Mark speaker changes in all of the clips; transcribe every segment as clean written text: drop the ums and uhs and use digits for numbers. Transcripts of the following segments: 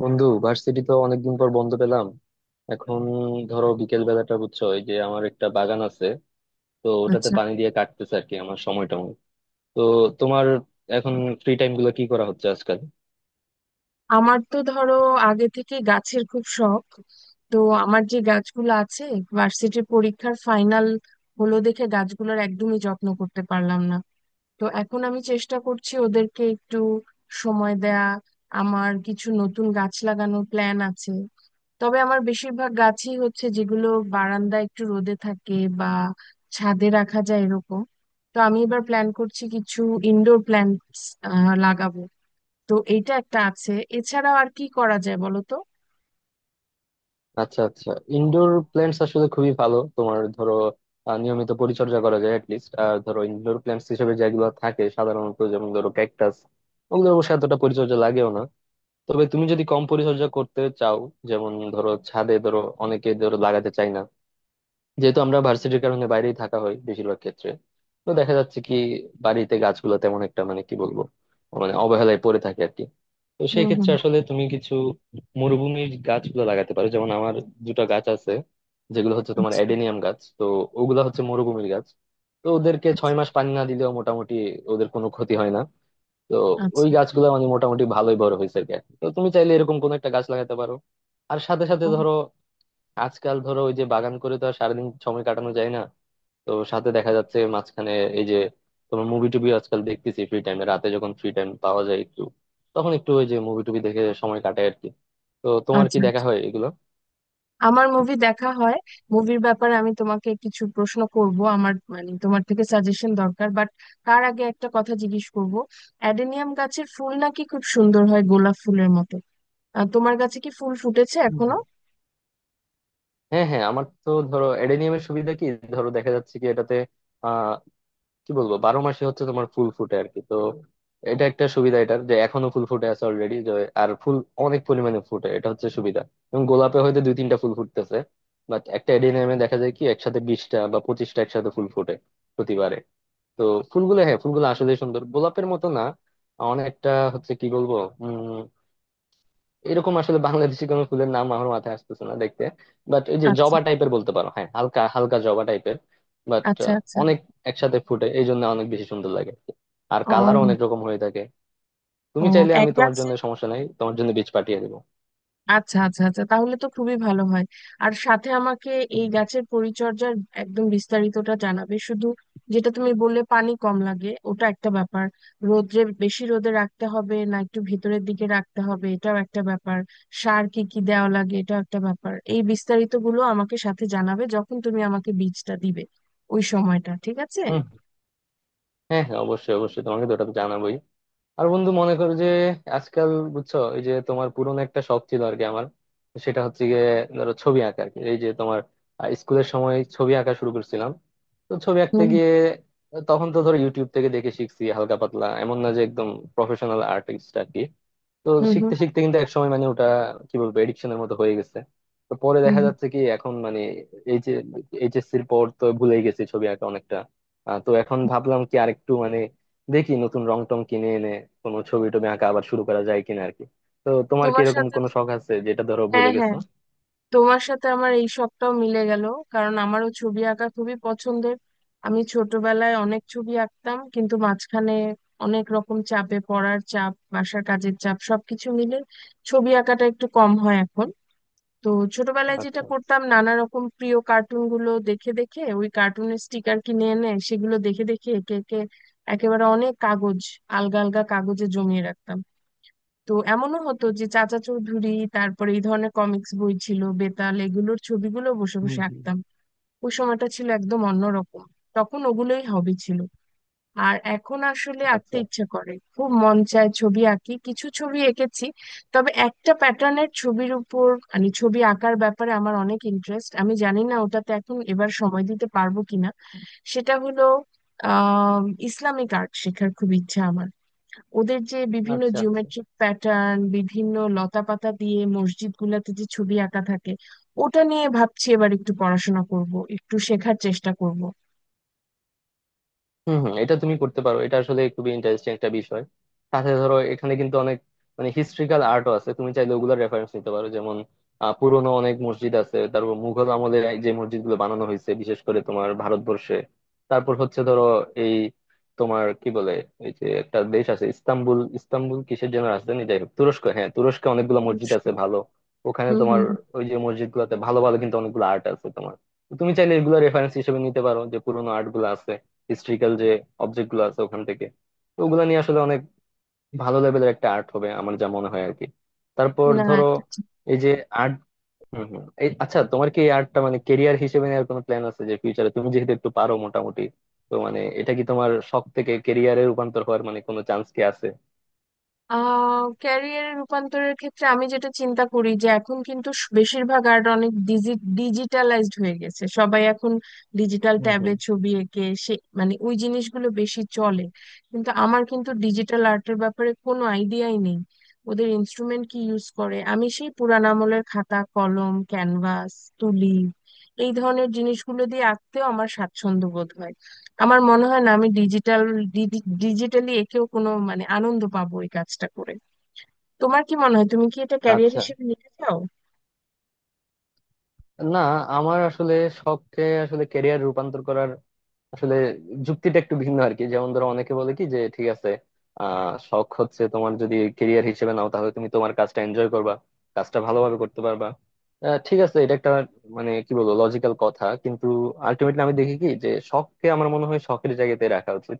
Speaker 1: বন্ধু, ভার্সিটি তো অনেকদিন পর বন্ধ পেলাম। এখন ধরো বিকেল বেলাটা, বুঝছো, এই যে আমার একটা বাগান আছে, তো ওটাতে
Speaker 2: আচ্ছা,
Speaker 1: পানি দিয়ে কাটতেছে আর কি, আমার সময়টা অনেক। তো তোমার এখন ফ্রি টাইম গুলো কি করা হচ্ছে আজকাল?
Speaker 2: আমার তো ধরো আগে থেকে গাছের খুব শখ। তো আমার যে গাছগুলো আছে, ভার্সিটির পরীক্ষার ফাইনাল হলো দেখে গাছগুলোর একদমই যত্ন করতে পারলাম না। তো এখন আমি চেষ্টা করছি ওদেরকে একটু সময় দেয়া। আমার কিছু নতুন গাছ লাগানোর প্ল্যান আছে, তবে আমার বেশিরভাগ গাছই হচ্ছে যেগুলো বারান্দায় একটু রোদে থাকে বা ছাদে রাখা যায় এরকম। তো আমি এবার প্ল্যান করছি কিছু ইনডোর প্ল্যান্টস লাগাবো। তো এইটা একটা আছে, এছাড়াও আর কি করা যায় বলো তো।
Speaker 1: আচ্ছা আচ্ছা, ইনডোর প্ল্যান্টস আসলে খুবই ভালো। তোমার ধরো নিয়মিত পরিচর্যা করা যায় লিস্ট, আর ধরো ইনডোর প্ল্যান্টস হিসেবে যেগুলো থাকে সাধারণত, যেমন ধরো ক্যাকটাস, ওগুলো অবশ্য এতটা পরিচর্যা লাগেও না। তবে তুমি যদি কম পরিচর্যা করতে চাও, যেমন ধরো ছাদে, ধরো অনেকে ধরো লাগাতে চায় না, যেহেতু আমরা ভার্সিটির কারণে বাইরেই থাকা হয় বেশিরভাগ ক্ষেত্রে। তো দেখা যাচ্ছে কি, বাড়িতে গাছগুলো তেমন একটা মানে কি বলবো, মানে অবহেলায় পড়ে থাকে আর কি। তো
Speaker 2: হুম
Speaker 1: সেই
Speaker 2: হুম
Speaker 1: ক্ষেত্রে আসলে তুমি কিছু মরুভূমির গাছগুলো লাগাতে পারো। যেমন আমার দুটো গাছ আছে, যেগুলো হচ্ছে তোমার
Speaker 2: আচ্ছা
Speaker 1: অ্যাডেনিয়াম গাছ। তো ওগুলা হচ্ছে মরুভূমির গাছ, তো ওদেরকে ছয়
Speaker 2: আচ্ছা।
Speaker 1: মাস পানি না দিলেও মোটামুটি ওদের কোনো ক্ষতি হয় না। তো ওই
Speaker 2: আচ্ছা,
Speaker 1: গাছগুলো মানে মোটামুটি ভালোই বড় হয়েছে আর কি। তো তুমি চাইলে এরকম কোন একটা গাছ লাগাতে পারো। আর সাথে সাথে
Speaker 2: ও,
Speaker 1: ধরো, আজকাল ধরো ওই যে বাগান করে তো আর সারাদিন সময় কাটানো যায় না, তো সাথে দেখা যাচ্ছে মাঝখানে এই যে তোমার মুভি টুবি আজকাল দেখতেছি ফ্রি টাইমে। রাতে যখন ফ্রি টাইম পাওয়া যায় একটু, তখন একটু ওই যে মুভি টুবি দেখে সময় কাটায় আর কি। তো তোমার কি
Speaker 2: আচ্ছা
Speaker 1: দেখা
Speaker 2: আচ্ছা।
Speaker 1: হয় এগুলো?
Speaker 2: আমার মুভি দেখা হয়। মুভির ব্যাপারে আমি তোমাকে কিছু প্রশ্ন করব, আমার মানে তোমার থেকে সাজেশন দরকার, বাট তার আগে একটা কথা জিজ্ঞেস করব। অ্যাডেনিয়াম গাছের ফুল নাকি খুব সুন্দর হয়, গোলাপ ফুলের মতো। তোমার গাছে কি ফুল ফুটেছে
Speaker 1: হুম,
Speaker 2: এখনো?
Speaker 1: হুম। হ্যাঁ হ্যাঁ, আমার তো ধরো অ্যাডেনিয়ামের সুবিধা কি, ধরো দেখা যাচ্ছে কি এটাতে, কি বলবো, বারো মাসে হচ্ছে তোমার ফুল ফুটে আর কি। তো এটা একটা সুবিধা এটার, যে এখনো ফুল ফুটে আছে অলরেডি। আর ফুল অনেক পরিমাণে ফুটে, এটা হচ্ছে সুবিধা। এবং গোলাপে হয়তো দুই তিনটা ফুল ফুটতেছে, বাট একটা এডেনিয়ামে দেখা যায় কি একসাথে বিশটা বা পঁচিশটা একসাথে ফুল ফুটে প্রতিবারে। তো ফুলগুলো, হ্যাঁ ফুলগুলো আসলে সুন্দর, গোলাপের মতো না অনেকটা, হচ্ছে কি বলবো, উম এরকম আসলে বাংলাদেশি কোনো ফুলের নাম আমার মাথায় আসতেছে না দেখতে। বাট ওই যে
Speaker 2: আচ্ছা
Speaker 1: জবা টাইপের বলতে পারো, হ্যাঁ হালকা হালকা জবা টাইপের। বাট
Speaker 2: আচ্ছা আচ্ছা।
Speaker 1: অনেক একসাথে ফুটে এই জন্য অনেক বেশি সুন্দর লাগে আর কি। আর কালারও
Speaker 2: ও,
Speaker 1: অনেক রকম হয়ে থাকে।
Speaker 2: ও,
Speaker 1: তুমি চাইলে
Speaker 2: এক
Speaker 1: আমি তোমার
Speaker 2: গাছে,
Speaker 1: জন্য, সমস্যা নাই, তোমার জন্য বীজ পাঠিয়ে দেবো।
Speaker 2: আচ্ছা আচ্ছা আচ্ছা, তাহলে তো খুবই ভালো হয়। আর সাথে আমাকে এই গাছের পরিচর্যার একদম বিস্তারিতটা জানাবে শুধু। যেটা তুমি বললে পানি কম লাগে, ওটা একটা ব্যাপার। রোদ্রে বেশি রোদে রাখতে হবে না, একটু ভিতরের দিকে রাখতে হবে, এটাও একটা ব্যাপার। সার কি কি দেওয়া লাগে, এটাও একটা ব্যাপার। এই বিস্তারিতগুলো আমাকে সাথে জানাবে যখন তুমি আমাকে বীজটা দিবে, ওই সময়টা। ঠিক আছে।
Speaker 1: হুম, হ্যাঁ হ্যাঁ, অবশ্যই অবশ্যই, তোমাকে তো ওটা তো জানাবোই। আর বন্ধু মনে করো যে আজকাল, বুঝছো, এই যে তোমার পুরনো একটা শখ ছিল আর কি আমার, সেটা হচ্ছে গিয়ে ধরো ছবি আঁকা আর কি। এই যে তোমার স্কুলের সময় ছবি আঁকা শুরু করছিলাম। তো ছবি আঁকতে
Speaker 2: হুম
Speaker 1: গিয়ে তখন তো ধরো ইউটিউব থেকে দেখে শিখছি হালকা পাতলা, এমন না যে একদম প্রফেশনাল আর্টিস্ট আর কি। তো
Speaker 2: হুম হুম
Speaker 1: শিখতে শিখতে কিন্তু এক সময় মানে ওটা, কি বলবো, এডিকশনের মতো হয়ে গেছে। তো পরে
Speaker 2: হুম
Speaker 1: দেখা
Speaker 2: হুম।
Speaker 1: যাচ্ছে কি এখন মানে এই যে এইচএসসির পর তো ভুলেই গেছি ছবি আঁকা অনেকটা। তো এখন ভাবলাম কি আরেকটু মানে দেখি নতুন রং টং কিনে এনে কোনো ছবি টবি আঁকা আবার শুরু করা যায় কিনা আর কি। তো তোমার কি
Speaker 2: তোমার
Speaker 1: এরকম
Speaker 2: সাথে
Speaker 1: কোনো শখ আছে যেটা ধরো ভুলে
Speaker 2: হ্যাঁ
Speaker 1: গেছো?
Speaker 2: হ্যাঁ, তোমার সাথে আমার এই সবটাও মিলে গেল, কারণ আমারও ছবি আঁকা খুবই পছন্দের। আমি ছোটবেলায় অনেক ছবি আঁকতাম, কিন্তু মাঝখানে অনেক রকম চাপে, পড়ার চাপ, বাসার কাজের চাপ সবকিছু মিলে ছবি আঁকাটা একটু কম হয় এখন। তো ছোটবেলায় যেটা
Speaker 1: আচ্ছা।
Speaker 2: করতাম, নানা রকম প্রিয় কার্টুন গুলো দেখে দেখে, ওই কার্টুনের স্টিকার কিনে এনে সেগুলো দেখে দেখে একে একে একেবারে অনেক কাগজ, আলগা আলগা কাগজে জমিয়ে রাখতাম। তো এমনও হতো যে চাচা চৌধুরী, তারপরে এই ধরনের কমিক্স বই ছিল বেতাল, এগুলোর ছবিগুলো বসে
Speaker 1: হুম
Speaker 2: বসে
Speaker 1: হুম।
Speaker 2: আঁকতাম। ওই সময়টা ছিল একদম অন্যরকম, তখন ওগুলোই হবি ছিল। আর এখন আসলে আঁকতে
Speaker 1: আচ্ছা
Speaker 2: ইচ্ছে করে, খুব মন চায় ছবি আঁকি, কিছু ছবি এঁকেছি। তবে একটা প্যাটার্নের ছবির উপর, মানে ছবি আঁকার ব্যাপারে আমার অনেক ইন্টারেস্ট, আমি জানি না ওটাতে এখন এবার সময় দিতে পারবো কিনা। সেটা হলো, আহ ইসলামিক আর্ট শেখার খুব ইচ্ছা আমার। ওদের যে বিভিন্ন
Speaker 1: আচ্ছা আচ্ছা,
Speaker 2: জিওমেট্রিক প্যাটার্ন, বিভিন্ন লতাপাতা দিয়ে মসজিদ গুলাতে যে ছবি আঁকা থাকে, ওটা নিয়ে ভাবছি এবার একটু পড়াশোনা করব, একটু শেখার চেষ্টা করব।
Speaker 1: হম হম, এটা তুমি করতে পারো, এটা আসলে খুবই ইন্টারেস্টিং একটা বিষয়। সাথে ধরো এখানে কিন্তু অনেক মানে হিস্ট্রিক্যাল আর্টও আছে, তুমি চাইলে ওগুলোর রেফারেন্স নিতে পারো। যেমন পুরোনো অনেক মসজিদ আছে, তারপর মুঘল আমলে যে মসজিদ গুলো বানানো হয়েছে বিশেষ করে তোমার ভারতবর্ষে, তারপর হচ্ছে ধরো এই তোমার কি বলে, এই যে একটা দেশ আছে ইস্তাম্বুল, ইস্তাম্বুল কিসের যেন রাজধানী, যাই হোক, তুরস্ক, হ্যাঁ তুরস্কে অনেকগুলো মসজিদ আছে ভালো। ওখানে
Speaker 2: হুম
Speaker 1: তোমার
Speaker 2: হুম
Speaker 1: ওই যে মসজিদ গুলাতে ভালো ভালো কিন্তু অনেকগুলো আর্ট আছে তোমার। তো তুমি চাইলে এগুলো রেফারেন্স হিসেবে নিতে পারো, যে পুরোনো আর্ট গুলো আছে, হিস্ট্রিক্যাল যে অবজেক্ট গুলো আছে ওখান থেকে। তো ওগুলা নিয়ে আসলে অনেক ভালো লেভেলের একটা আর্ট হবে আমার যা মনে হয় আর কি।
Speaker 2: হুম।
Speaker 1: তারপর
Speaker 2: না,
Speaker 1: ধরো এই যে আর্ট, হম হম এই আচ্ছা, তোমার কি এই আর্টটা মানে কেরিয়ার হিসেবে নেওয়ার কোনো প্ল্যান আছে? যে ফিউচারে তুমি যেহেতু একটু পারো মোটামুটি, তো মানে এটা কি তোমার শখ থেকে কেরিয়ারে রূপান্তর হওয়ার মানে কোনো চান্স কি আছে?
Speaker 2: ক্যারিয়ারে রূপান্তরের ক্ষেত্রে আমি যেটা চিন্তা করি যে এখন কিন্তু বেশিরভাগ আর্ট অনেক ডিজিটালাইজড হয়ে গেছে, সবাই এখন ডিজিটাল
Speaker 1: হুম
Speaker 2: ট্যাবে
Speaker 1: হুম।
Speaker 2: ছবি এঁকে সে মানে ওই জিনিসগুলো বেশি চলে। কিন্তু আমার কিন্তু ডিজিটাল আর্টের ব্যাপারে কোনো আইডিয়াই নেই, ওদের ইনস্ট্রুমেন্ট কি ইউজ করে। আমি সেই পুরান আমলের খাতা, কলম, ক্যানভাস, তুলি, এই ধরনের জিনিসগুলো দিয়ে আঁকতেও আমার স্বাচ্ছন্দ্য বোধ হয়। আমার মনে হয় না আমি ডিজিটালি একেও কোনো মানে আনন্দ পাবো এই কাজটা করে। তোমার কি মনে হয়, তুমি কি এটা ক্যারিয়ার
Speaker 1: আচ্ছা,
Speaker 2: হিসেবে নিতে চাও?
Speaker 1: না, আমার আসলে শখকে আসলে ক্যারিয়ার রূপান্তর করার আসলে যুক্তিটা একটু ভিন্ন আর কি। যেমন ধরো অনেকে বলে কি যে ঠিক আছে, শখ হচ্ছে তোমার, যদি কেরিয়ার হিসেবে নাও তাহলে তুমি তোমার কাজটা এনজয় করবা, কাজটা ভালোভাবে করতে পারবা। ঠিক আছে, এটা একটা মানে কি বলবো লজিক্যাল কথা, কিন্তু আলটিমেটলি আমি দেখি কি, যে শখকে আমার মনে হয় শখের জায়গাতে রাখা উচিত।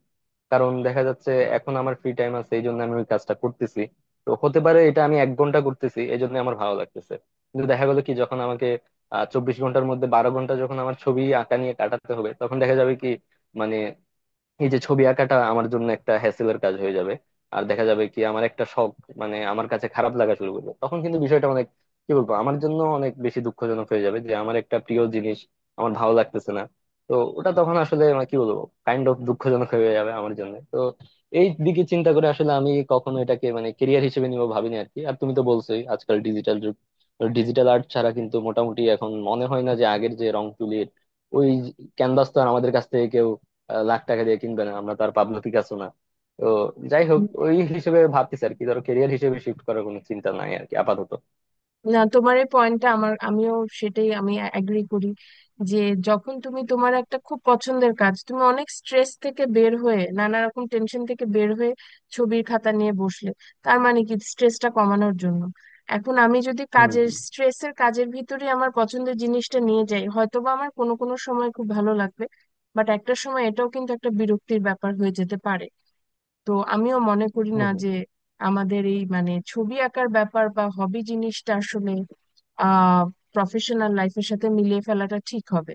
Speaker 1: কারণ দেখা যাচ্ছে এখন আমার ফ্রি টাইম আছে এই জন্য আমি ওই কাজটা করতেছি। তো হতে পারে এটা আমি এক ঘন্টা করতেছি এই জন্য আমার ভালো লাগতেছে, কিন্তু দেখা গেলো কি যখন আমাকে চব্বিশ ঘন্টার মধ্যে বারো ঘন্টা যখন আমার ছবি আঁকা নিয়ে কাটাতে হবে, তখন দেখা যাবে কি, মানে এই যে ছবি আঁকাটা আমার জন্য একটা হ্যাসেলের কাজ হয়ে যাবে। আর দেখা যাবে কি আমার একটা শখ মানে আমার কাছে খারাপ লাগা শুরু করবে, তখন কিন্তু বিষয়টা অনেক, কি বলবো, আমার জন্য অনেক বেশি দুঃখজনক হয়ে যাবে, যে আমার একটা প্রিয় জিনিস আমার ভালো লাগতেছে না। তো ওটা তখন আসলে মানে কি বলবো কাইন্ড অফ দুঃখজনক হয়ে যাবে আমার জন্য। তো এই দিকে চিন্তা করে আসলে আমি কখনো এটাকে মানে কেরিয়ার হিসেবে নিব ভাবিনি আর কি। আর তুমি তো বলছোই আজকাল ডিজিটাল যুগ, ডিজিটাল আর্ট ছাড়া কিন্তু মোটামুটি এখন মনে হয় না যে আগের যে রং তুলির ওই ক্যানভাস তো আর আমাদের কাছ থেকে কেউ লাখ টাকা দিয়ে কিনবে না, আমরা তো আর পাবলো পিকাসো না। তো যাই হোক, ওই হিসেবে ভাবতেছি আর কি, ধরো কেরিয়ার হিসেবে শিফট করার কোনো চিন্তা নাই আর কি আপাতত।
Speaker 2: না, তোমার এই পয়েন্টটা আমার, আমিও সেটাই, আমি অ্যাগ্রি করি যে যখন তুমি তোমার একটা খুব পছন্দের কাজ, তুমি অনেক স্ট্রেস থেকে বের হয়ে, নানা রকম টেনশন থেকে বের হয়ে ছবির খাতা নিয়ে বসলে, তার মানে কি স্ট্রেসটা কমানোর জন্য। এখন আমি যদি
Speaker 1: হুম
Speaker 2: কাজের
Speaker 1: হুম।
Speaker 2: স্ট্রেসের, কাজের ভিতরে আমার পছন্দের জিনিসটা নিয়ে যাই, হয়তোবা আমার কোনো কোনো সময় খুব ভালো লাগবে, বাট একটা সময় এটাও কিন্তু একটা বিরক্তির ব্যাপার হয়ে যেতে পারে। তো আমিও মনে করি
Speaker 1: হুম
Speaker 2: না
Speaker 1: হুম।
Speaker 2: যে আমাদের এই মানে ছবি আঁকার ব্যাপার বা হবি জিনিসটা আসলে আহ প্রফেশনাল লাইফের সাথে মিলিয়ে ফেলাটা ঠিক হবে।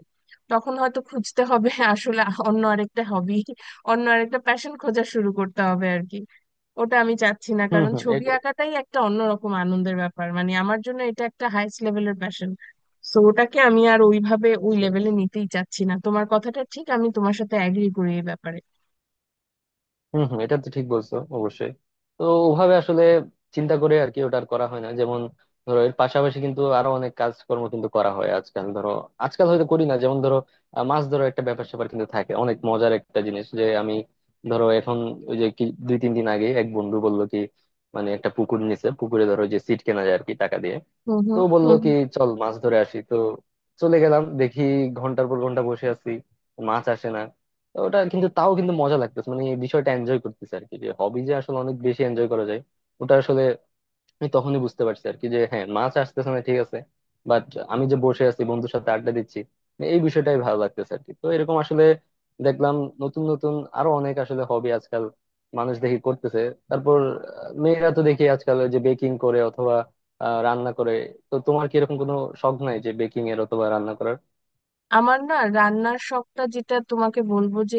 Speaker 2: তখন হয়তো খুঁজতে হবে আসলে অন্য আরেকটা হবি, অন্য আরেকটা প্যাশন খোঁজা শুরু করতে হবে আর কি। ওটা আমি চাচ্ছি না,
Speaker 1: হুম
Speaker 2: কারণ
Speaker 1: হুম,
Speaker 2: ছবি
Speaker 1: এটা-
Speaker 2: আঁকাটাই একটা অন্যরকম আনন্দের ব্যাপার, মানে আমার জন্য এটা একটা হাইস্ট লেভেলের প্যাশন। তো ওটাকে আমি আর ওইভাবে ওই
Speaker 1: আচ্ছা
Speaker 2: লেভেলে
Speaker 1: আচ্ছা।
Speaker 2: নিতেই চাচ্ছি না। তোমার কথাটা ঠিক, আমি তোমার সাথে অ্যাগ্রি করি এই ব্যাপারে।
Speaker 1: হম হম, এটা তো ঠিক বলছো অবশ্যই। তো ওভাবে আসলে চিন্তা করে আর কি ওটা আর করা হয় না। যেমন ধরো এর পাশাপাশি কিন্তু আরো অনেক কাজকর্ম কিন্তু করা হয় আজকাল, ধরো আজকাল হয়তো করি না, যেমন ধরো মাছ ধরো একটা ব্যাপার স্যাপার কিন্তু থাকে, অনেক মজার একটা জিনিস। যে আমি ধরো এখন ওই যে কি দুই তিন দিন আগে এক বন্ধু বললো কি, মানে একটা পুকুর নিছে, পুকুরে ধরো যে সিট কেনা যায় আর কি টাকা দিয়ে,
Speaker 2: হুম
Speaker 1: তো
Speaker 2: হুম
Speaker 1: বললো
Speaker 2: হুম
Speaker 1: কি
Speaker 2: হুম।
Speaker 1: চল মাছ ধরে আসি। তো চলে গেলাম, দেখি ঘন্টার পর ঘন্টা বসে আছি, মাছ আসে না। তো ওটা কিন্তু তাও কিন্তু মজা লাগতেছে, মানে এই বিষয়টা এনজয় করতেছে আর কি, যে হবি যে আসলে অনেক বেশি এনজয় করা যায় ওটা আসলে। আমি তখনই বুঝতে পারছি আর কি, যে হ্যাঁ মাছ আসতেছে না ঠিক আছে, বাট আমি যে বসে আছি বন্ধুর সাথে আড্ডা দিচ্ছি এই বিষয়টাই ভালো লাগতেছে আর কি। তো এরকম আসলে দেখলাম নতুন নতুন আরো অনেক আসলে হবি আজকাল মানুষ দেখি করতেছে। তারপর মেয়েরা তো দেখি আজকাল ওই যে বেকিং করে অথবা রান্না করে। তো তোমার কি এরকম কোনো শখ নাই যে বেকিং এর অথবা রান্না করার?
Speaker 2: আমার না রান্নার শখটা, যেটা তোমাকে বলবো যে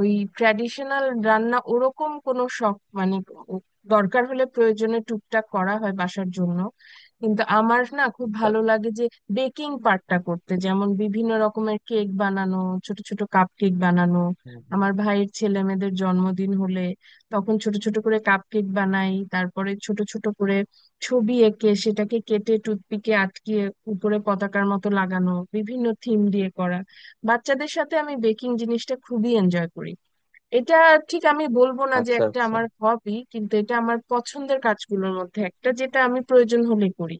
Speaker 2: ওই ট্র্যাডিশনাল রান্না ওরকম কোনো শখ মানে ও- দরকার হলে প্রয়োজনে টুকটাক করা হয় বাসার জন্য। কিন্তু আমার না খুব ভালো লাগে যে বেকিং পার্টটা করতে, যেমন বিভিন্ন রকমের কেক বানানো, ছোট ছোট কাপ কেক বানানো।
Speaker 1: হুম, হুম।
Speaker 2: আমার ভাইয়ের ছেলে মেয়েদের জন্মদিন হলে তখন ছোট ছোট করে কাপ কেক বানাই, তারপরে ছোট ছোট করে ছবি এঁকে সেটাকে কেটে টুথপিকে আটকিয়ে উপরে পতাকার মতো লাগানো, বিভিন্ন থিম দিয়ে করা। বাচ্চাদের সাথে আমি বেকিং জিনিসটা খুবই এনজয় করি। এটা ঠিক আমি বলবো না যে
Speaker 1: আচ্ছা
Speaker 2: একটা
Speaker 1: আচ্ছা।
Speaker 2: আমার হবি, কিন্তু এটা আমার পছন্দের কাজগুলোর মধ্যে একটা যেটা আমি প্রয়োজন হলে করি।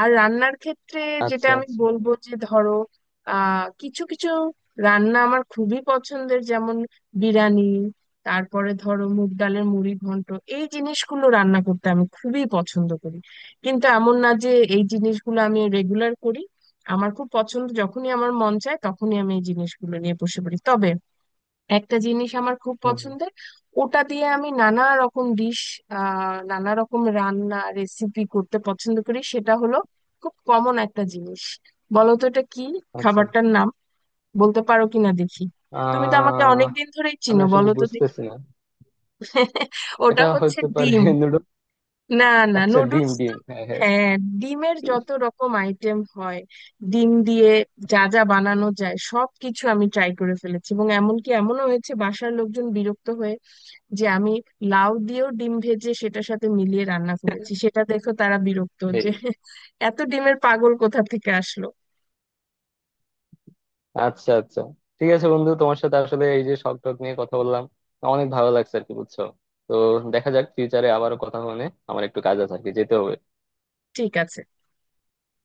Speaker 2: আর রান্নার ক্ষেত্রে যেটা
Speaker 1: আচ্ছা
Speaker 2: আমি
Speaker 1: আচ্ছা।
Speaker 2: বলবো যে ধরো কিছু কিছু রান্না আমার খুবই পছন্দের, যেমন বিরিয়ানি, তারপরে ধরো মুগ ডালের মুড়ি ঘন্ট, এই জিনিসগুলো রান্না করতে আমি খুবই পছন্দ করি। কিন্তু এমন না যে এই জিনিসগুলো আমি রেগুলার করি, আমার খুব পছন্দ, যখনই আমার মন চায় তখনই আমি এই জিনিসগুলো নিয়ে বসে পড়ি। তবে একটা জিনিস আমার খুব
Speaker 1: হুম হুম।
Speaker 2: পছন্দের, ওটা দিয়ে আমি নানা রকম ডিশ, নানা রকম রান্না রেসিপি করতে পছন্দ করি। সেটা হলো খুব কমন একটা জিনিস, বলো তো এটা কি
Speaker 1: আচ্ছা,
Speaker 2: খাবারটার নাম, বলতে পারো কিনা দেখি। তুমি তো আমাকে
Speaker 1: আহ
Speaker 2: অনেকদিন ধরেই
Speaker 1: আমি
Speaker 2: চিনো,
Speaker 1: আসলে
Speaker 2: বলো তো দেখি।
Speaker 1: বুঝতেছি না।
Speaker 2: ওটা
Speaker 1: এটা
Speaker 2: হচ্ছে
Speaker 1: হতে পারে
Speaker 2: ডিম।
Speaker 1: নুডলস।
Speaker 2: না, না,
Speaker 1: আচ্ছা, ডিম,
Speaker 2: নুডলস তো,
Speaker 1: ডিম, হ্যাঁ হ্যাঁ।
Speaker 2: হ্যাঁ। ডিমের যত রকম আইটেম হয়, ডিম দিয়ে যা যা বানানো যায় সব কিছু আমি ট্রাই করে ফেলেছি। এবং এমনকি এমনও হয়েছে, বাসার লোকজন বিরক্ত হয়ে, যে আমি লাউ দিয়েও ডিম ভেজে সেটার সাথে মিলিয়ে রান্না করেছি, সেটা দেখো তারা বিরক্ত যে
Speaker 1: এই
Speaker 2: এত ডিমের পাগল কোথা থেকে আসলো।
Speaker 1: আচ্ছা আচ্ছা। ঠিক আছে বন্ধু, তোমার সাথে আসলে এই যে শখ টক নিয়ে কথা বললাম, অনেক ভালো লাগছে আর কি, বুঝছো। তো দেখা যাক ফিউচারে আবারও কথা হবে। না। আমার একটু কাজ আছে আর কি, যেতে হবে।
Speaker 2: ঠিক আছে।